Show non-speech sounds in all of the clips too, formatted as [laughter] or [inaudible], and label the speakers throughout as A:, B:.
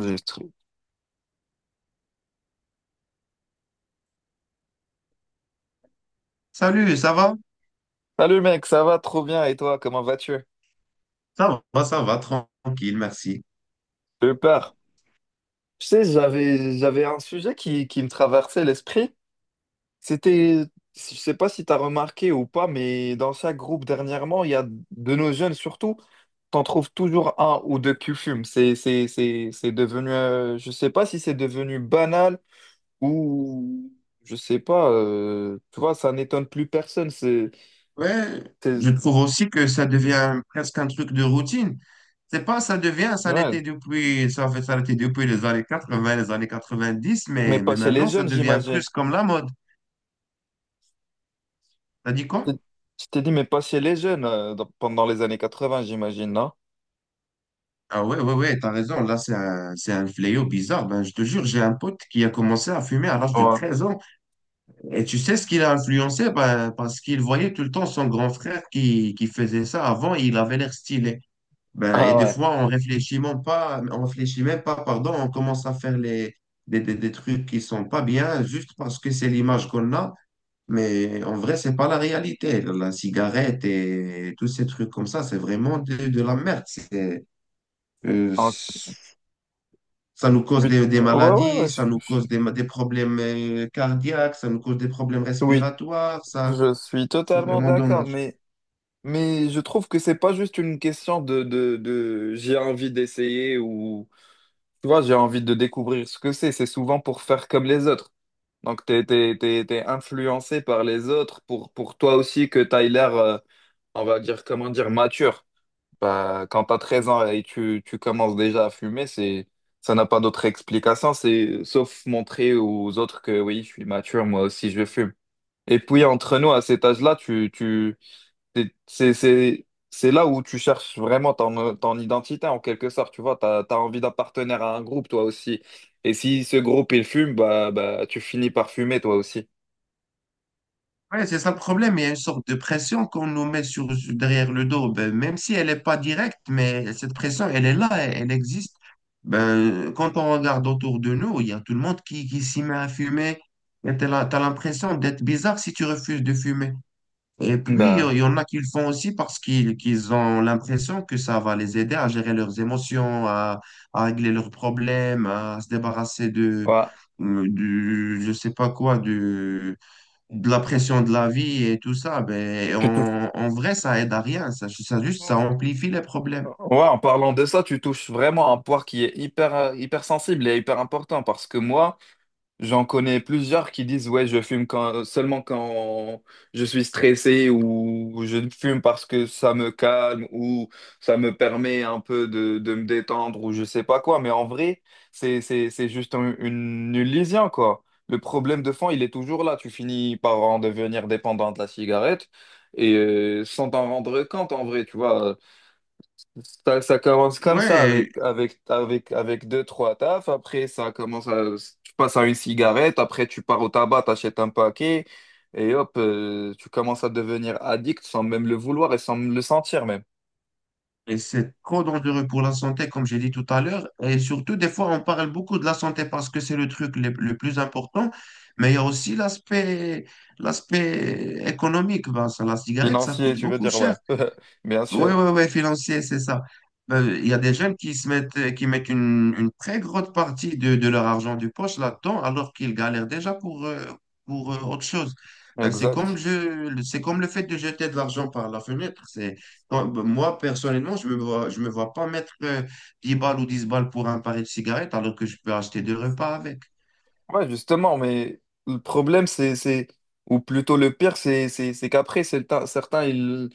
A: Juste.
B: Salut, ça va?
A: Salut mec, ça va trop bien et toi, comment vas-tu?
B: Ça va, ça va, tranquille, merci.
A: J'ai eu peur. Tu sais, j'avais un sujet qui me traversait l'esprit. C'était, je sais pas si tu as remarqué ou pas, mais dans chaque groupe dernièrement, il y a de nos jeunes surtout, t'en trouves toujours un ou deux qui fument. C'est devenu, je sais pas si c'est devenu banal ou je sais pas. Tu vois, ça n'étonne plus personne.
B: Ouais, je
A: C'est-
B: trouve aussi que ça devient presque un truc de routine. C'est pas, ça devient, ça l'était
A: ouais,
B: depuis, ça fait, ça l'était depuis les années 80, les années 90,
A: mais
B: mais,
A: pas
B: mais
A: chez les
B: maintenant, ça
A: jeunes,
B: devient
A: j'imagine.
B: plus comme la mode. T'as dit
A: t'es-
B: quoi?
A: Tu t'es dit, mais passer les jeunes pendant les années 80 j'imagine, non?
B: Ah ouais, ouais, ouais, t'as raison. Là, c'est un fléau bizarre. Ben, je te jure, j'ai un pote qui a commencé à fumer à l'âge de
A: Ouais.
B: 13 ans. Et tu sais ce qu'il a influencé? Ben, parce qu'il voyait tout le temps son grand frère qui faisait ça avant et il avait l'air stylé. Ben, et
A: Ah
B: des
A: ouais.
B: fois, on réfléchit même pas, pardon, on commence à faire des trucs qui sont pas bien juste parce que c'est l'image qu'on a, mais en vrai, c'est pas la réalité. La cigarette et tous ces trucs comme ça, c'est vraiment de la merde. Euh,
A: En-
B: Ça nous cause
A: Ouais,
B: des
A: ouais,
B: maladies,
A: ouais.
B: ça nous cause des problèmes cardiaques, ça nous cause des problèmes
A: Oui,
B: respiratoires, ça,
A: je suis
B: c'est
A: totalement
B: vraiment
A: d'accord,
B: dommage.
A: mais je trouve que c'est pas juste une question de, j'ai envie d'essayer ou tu vois, j'ai envie de découvrir ce que c'est. C'est souvent pour faire comme les autres. Donc, t'es influencé par les autres pour toi aussi que t'as l'air, on va dire, comment dire, mature. Bah, quand tu as 13 ans et tu commences déjà à fumer, c'est, ça n'a pas d'autre explication, c'est, sauf montrer aux autres que oui, je suis mature, moi aussi je fume. Et puis entre nous, à cet âge-là, c'est, c'est là où tu cherches vraiment ton, ton identité en quelque sorte, tu vois, tu as, envie d'appartenir à un groupe toi aussi. Et si ce groupe il fume, bah, tu finis par fumer toi aussi.
B: Ouais, c'est ça le problème. Il y a une sorte de pression qu'on nous met derrière le dos. Ben, même si elle n'est pas directe, mais cette pression, elle est là, elle existe. Ben, quand on regarde autour de nous, il y a tout le monde qui s'y met à fumer. Et t'as l'impression d'être bizarre si tu refuses de fumer. Et puis,
A: Bah,
B: il y en a qui le font aussi parce qu'ils ont l'impression que ça va les aider à gérer leurs émotions, à régler leurs problèmes, à se débarrasser
A: voilà.
B: je sais pas quoi, du de la pression de la vie et tout ça, ben,
A: Tu touches.
B: en vrai, ça aide à rien. Ça amplifie les problèmes.
A: Ouais, en parlant de ça, tu touches vraiment un point qui est hyper, hyper sensible et hyper important parce que moi, j'en connais plusieurs qui disent, ouais, je fume quand, seulement quand je suis stressé ou je fume parce que ça me calme ou ça me permet un peu de me détendre ou je sais pas quoi. Mais en vrai, c'est juste une illusion, quoi. Le problème de fond, il est toujours là. Tu finis par en devenir dépendant de la cigarette et sans t'en rendre compte, en vrai, tu vois. Ça commence comme ça
B: Ouais,
A: avec deux, trois tafs. Après, ça commence à, tu passes à une cigarette. Après, tu pars au tabac, t'achètes un paquet. Et hop, tu commences à devenir addict sans même le vouloir et sans le sentir même.
B: et c'est trop dangereux pour la santé, comme j'ai dit tout à l'heure. Et surtout, des fois, on parle beaucoup de la santé parce que c'est le truc le plus important, mais il y a aussi l'aspect économique. Ben, ça, la cigarette, ça
A: Financier,
B: coûte
A: tu veux
B: beaucoup
A: dire,
B: cher.
A: ouais. [laughs] Bien
B: Oui,
A: sûr.
B: oui, oui, financier, c'est ça. Ben, il y a des jeunes qui mettent une très grosse partie de leur argent du poche là-dedans, alors qu'ils galèrent déjà pour autre chose. Ben,
A: Exact.
B: c'est comme le fait de jeter de l'argent par la fenêtre. Ben, moi, personnellement, je me vois pas mettre 10 balles ou 10 balles pour un paquet de cigarettes, alors que je peux acheter deux repas avec.
A: Ouais, justement, mais le problème, c'est, ou plutôt le pire, c'est qu'après, c'est le certains, ils,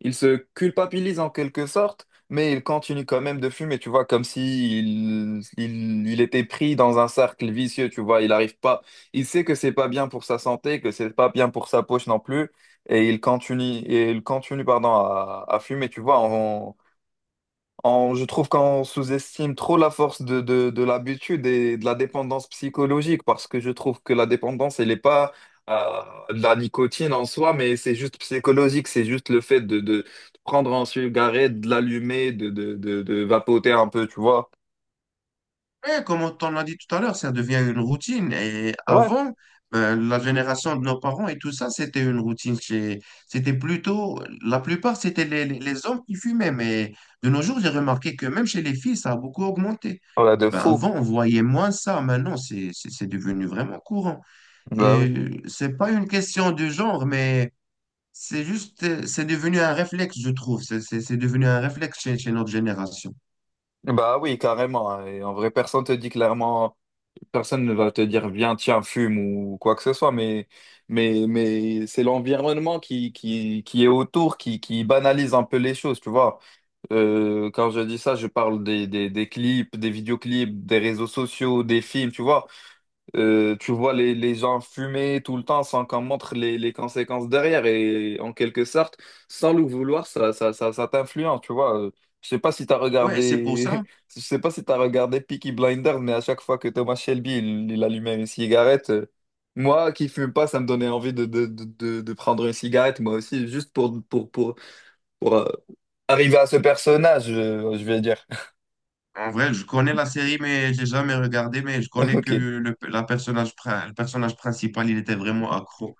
A: ils se culpabilisent en quelque sorte, mais ils continuent quand même de fumer, tu vois, comme si il était pris dans un cercle vicieux, tu vois, il n'arrive pas, il sait que c'est pas bien pour sa santé, que c'est pas bien pour sa poche non plus, et il continue, pardon, à fumer, tu vois, je trouve qu'on sous-estime trop la force de, l'habitude et de la dépendance psychologique parce que je trouve que la dépendance, elle n'est pas euh, de la nicotine en soi, mais c'est juste psychologique, c'est juste le fait de prendre un cigarette, de l'allumer, de vapoter un peu, tu vois.
B: Ouais, comme on l'a dit tout à l'heure, ça devient une routine. Et
A: Ouais,
B: avant, la génération de nos parents et tout ça, c'était une routine. C'était plutôt, la plupart, c'était les hommes qui fumaient. Mais de nos jours, j'ai remarqué que même chez les filles, ça a beaucoup augmenté.
A: voilà, de
B: Ben,
A: fou.
B: avant, on voyait moins ça. Maintenant, c'est devenu vraiment courant.
A: Bah oui.
B: Et c'est pas une question de genre, mais c'est juste, c'est devenu un réflexe, je trouve. C'est devenu un réflexe chez notre génération.
A: Bah oui, carrément. Et en vrai, personne te dit clairement. Personne ne va te dire viens, tiens, fume ou quoi que ce soit, mais c'est l'environnement qui est autour, qui banalise un peu les choses, tu vois. Quand je dis ça, je parle des, des clips, des vidéoclips, des réseaux sociaux, des films, tu vois. Tu vois les gens fumer tout le temps sans qu'on montre les conséquences derrière et en quelque sorte, sans le vouloir, ça t'influence, tu vois. Je sais pas si t'as
B: Ouais, c'est pour
A: regardé,
B: ça.
A: [laughs] je sais pas si t'as regardé Peaky Blinders, mais à chaque fois que Thomas Shelby, il allumait une cigarette, moi qui fume pas, ça me donnait envie de, de prendre une cigarette, moi aussi, juste pour, pour arriver à ce personnage, je vais dire.
B: En vrai, je connais la série, mais j'ai jamais regardé, mais je connais que
A: [laughs] Ok,
B: le personnage principal, il était vraiment accro.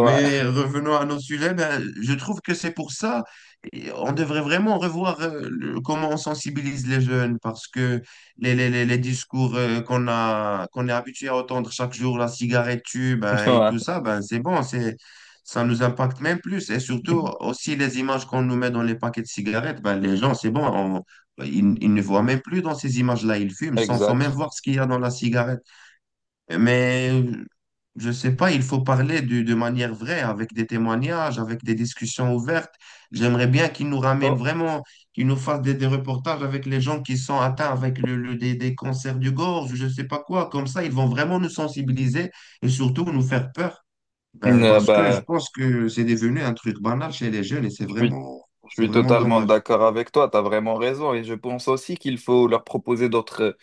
B: Mais revenons à nos sujets, ben, je trouve que c'est pour ça, et on devrait vraiment revoir comment on sensibilise les jeunes, parce que les discours qu'on est habitué à entendre chaque jour, la cigarette tue,
A: [laughs]
B: ben, et
A: ouais,
B: tout ça, ben, c'est bon, ça nous impacte même plus. Et surtout, aussi les images qu'on nous met dans les paquets de cigarettes, ben, les gens, c'est bon, ils ne voient même plus dans ces images-là, ils fument sans même
A: exact.
B: voir ce qu'il y a dans la cigarette. Mais je sais pas, il faut parler de manière vraie, avec des témoignages, avec des discussions ouvertes. J'aimerais bien qu'ils nous ramènent
A: Oh.
B: vraiment, qu'ils nous fassent des reportages avec les gens qui sont atteints avec des cancers du gorge, je sais pas quoi. Comme ça, ils vont vraiment nous sensibiliser et surtout nous faire peur. Ben,
A: Euh,
B: parce que je
A: bah,
B: pense que c'est devenu un truc banal chez les jeunes et c'est
A: je suis
B: vraiment,
A: Je
B: c'est
A: suis
B: vraiment
A: totalement
B: dommage.
A: d'accord avec toi, tu as vraiment raison et je pense aussi qu'il faut leur proposer d'autres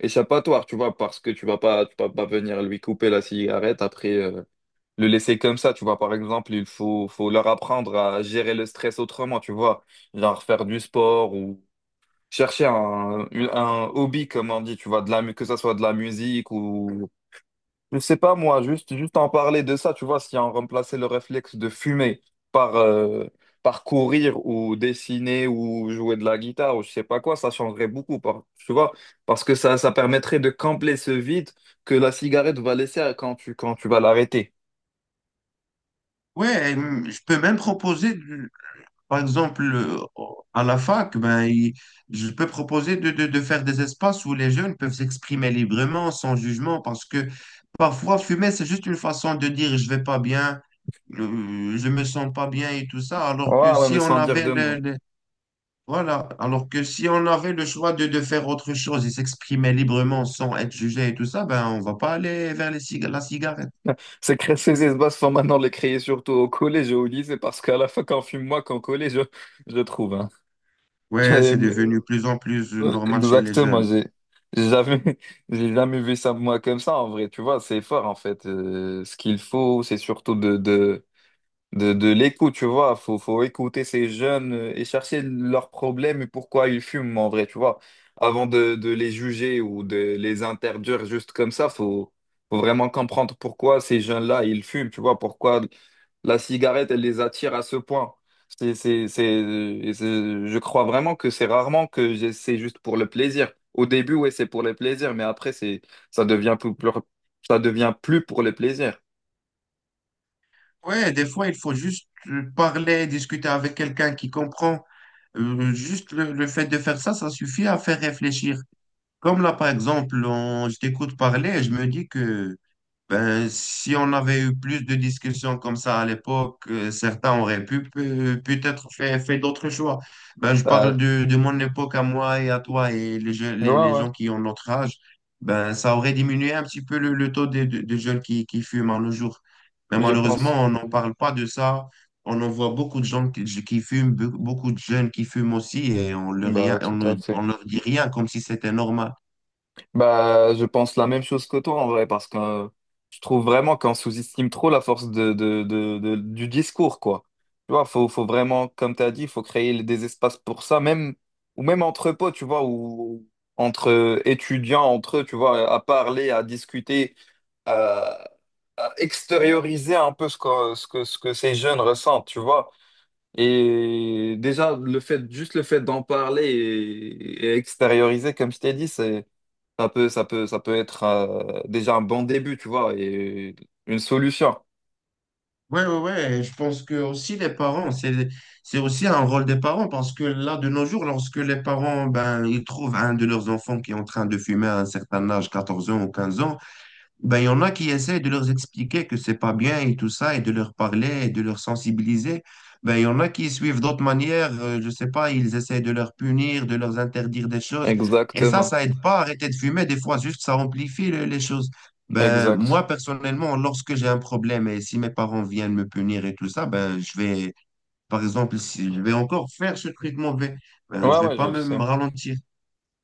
A: échappatoires, tu vois, parce que tu vas pas venir lui couper la cigarette après le laisser comme ça, tu vois, par exemple, il faut leur apprendre à gérer le stress autrement, tu vois, genre faire du sport ou chercher un hobby comme on dit, tu vois, de la que ça soit de la musique ou. Je sais pas moi, juste en parler de ça, tu vois, si on remplaçait le réflexe de fumer par, par courir ou dessiner ou jouer de la guitare ou je sais pas quoi, ça changerait beaucoup, tu vois, parce que ça permettrait de combler ce vide que la cigarette va laisser quand quand tu vas l'arrêter.
B: Ouais, et, je peux même proposer. Par exemple, à la fac, ben, je peux proposer de faire des espaces où les jeunes peuvent s'exprimer librement, sans jugement, parce que parfois, fumer, c'est juste une façon de dire je vais pas bien, je me sens pas bien et tout ça, alors que
A: Ouais, ouais,
B: si
A: mais
B: on
A: sans dire
B: avait
A: deux mots.
B: voilà, alors que si on avait le choix de faire autre chose et s'exprimer librement sans être jugé et tout ça, ben, on va pas aller vers la cigarette.
A: [laughs] Ces espaces sont maintenant les créés surtout au collège et au lycée parce qu'à la fin, quand on fume moi, qu'en collège, je trouve, hein.
B: Ouais, c'est
A: [laughs]
B: devenu plus en plus normal chez les
A: Exactement,
B: jeunes.
A: j'ai jamais, [laughs] j'ai jamais vu ça moi comme ça en vrai, tu vois, c'est fort en fait. Ce qu'il faut, c'est surtout de, de l'écoute, tu vois, faut écouter ces jeunes et chercher leurs problèmes et pourquoi ils fument en vrai, tu vois. Avant de les juger ou de les interdire juste comme ça, faut vraiment comprendre pourquoi ces jeunes-là, ils fument, tu vois, pourquoi la cigarette, elle les attire à ce point. Et je crois vraiment que c'est rarement que c'est juste pour le plaisir. Au début, ouais, c'est pour le plaisir, mais après, c'est, ça devient ça devient plus pour le plaisir.
B: Ouais, des fois, il faut juste parler, discuter avec quelqu'un qui comprend. Juste le fait de faire ça, ça suffit à faire réfléchir. Comme là, par exemple, je t'écoute parler et je me dis que ben, si on avait eu plus de discussions comme ça à l'époque, certains auraient pu peut-être fait d'autres choix. Ben, je parle
A: Bah,
B: de mon époque à moi et à toi et les, je-
A: ouais,
B: les, les
A: ouais,
B: gens qui ont notre âge. Ben, ça aurait diminué un petit peu le taux de jeunes qui fument à nos jours. Mais
A: je
B: malheureusement,
A: pense.
B: on n'en parle pas de ça. On en voit beaucoup de gens qui fument, beaucoup de jeunes qui fument aussi et on leur, rien-
A: Bah,
B: on
A: tout
B: ne-
A: à fait.
B: on leur dit rien comme si c'était normal.
A: Bah, je pense la même chose que toi en vrai, parce que je trouve vraiment qu'on sous-estime trop la force de, du discours, quoi. Tu vois, faut vraiment, comme tu as dit, il faut créer des espaces pour ça, même, ou même entre potes, tu vois, ou entre étudiants, entre eux, tu vois, à parler, à discuter, à, à extérioriser un peu ce que, ce que ces jeunes ressentent, tu vois. Et déjà, le fait, juste le fait d'en parler et extérioriser, comme je t'ai dit, c'est ça peut être déjà un bon début, tu vois, et une solution.
B: Ouais, ouais, ouais. Et je pense que aussi les parents, c'est aussi un rôle des parents parce que là, de nos jours, lorsque les parents, ben, ils trouvent un de leurs enfants qui est en train de fumer à un certain âge, 14 ans ou 15 ans, ben, il y en a qui essaient de leur expliquer que c'est pas bien et tout ça, et de leur parler, et de leur sensibiliser. Ben, il y en a qui suivent d'autres manières, je sais pas, ils essaient de leur punir, de leur interdire des choses. Et ça,
A: Exactement,
B: ça aide pas à arrêter de fumer. Des fois, juste, ça amplifie les choses. Ben,
A: exact.
B: moi, personnellement, lorsque j'ai un problème et si mes parents viennent me punir et tout ça, ben, par exemple, si je vais encore faire ce traitement,
A: Ouais,
B: je vais
A: ouais, je
B: pas
A: le
B: me
A: sais.
B: ralentir.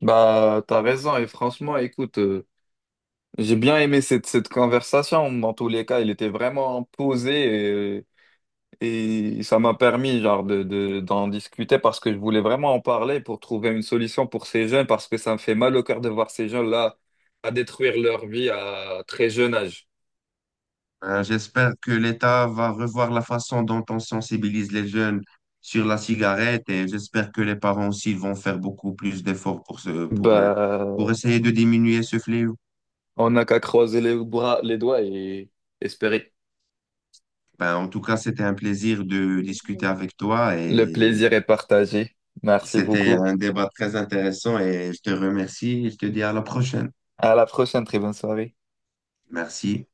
A: Bah, t'as raison, et franchement, écoute, j'ai bien aimé cette, cette conversation. Dans tous les cas, il était vraiment posé et ça m'a permis, genre, de, d'en discuter parce que je voulais vraiment en parler pour trouver une solution pour ces jeunes parce que ça me fait mal au cœur de voir ces jeunes-là à détruire leur vie à très jeune âge.
B: J'espère que l'État va revoir la façon dont on sensibilise les jeunes sur la cigarette et j'espère que les parents aussi vont faire beaucoup plus d'efforts pour, ce, pour, euh,
A: Bah,
B: pour essayer de diminuer ce fléau.
A: on n'a qu'à croiser les bras, les doigts et espérer.
B: Ben, en tout cas, c'était un plaisir de discuter avec toi
A: Le
B: et
A: plaisir est partagé. Merci
B: c'était
A: beaucoup.
B: un débat très intéressant et je te remercie et je te dis à la prochaine.
A: À la prochaine, très bonne soirée.
B: Merci.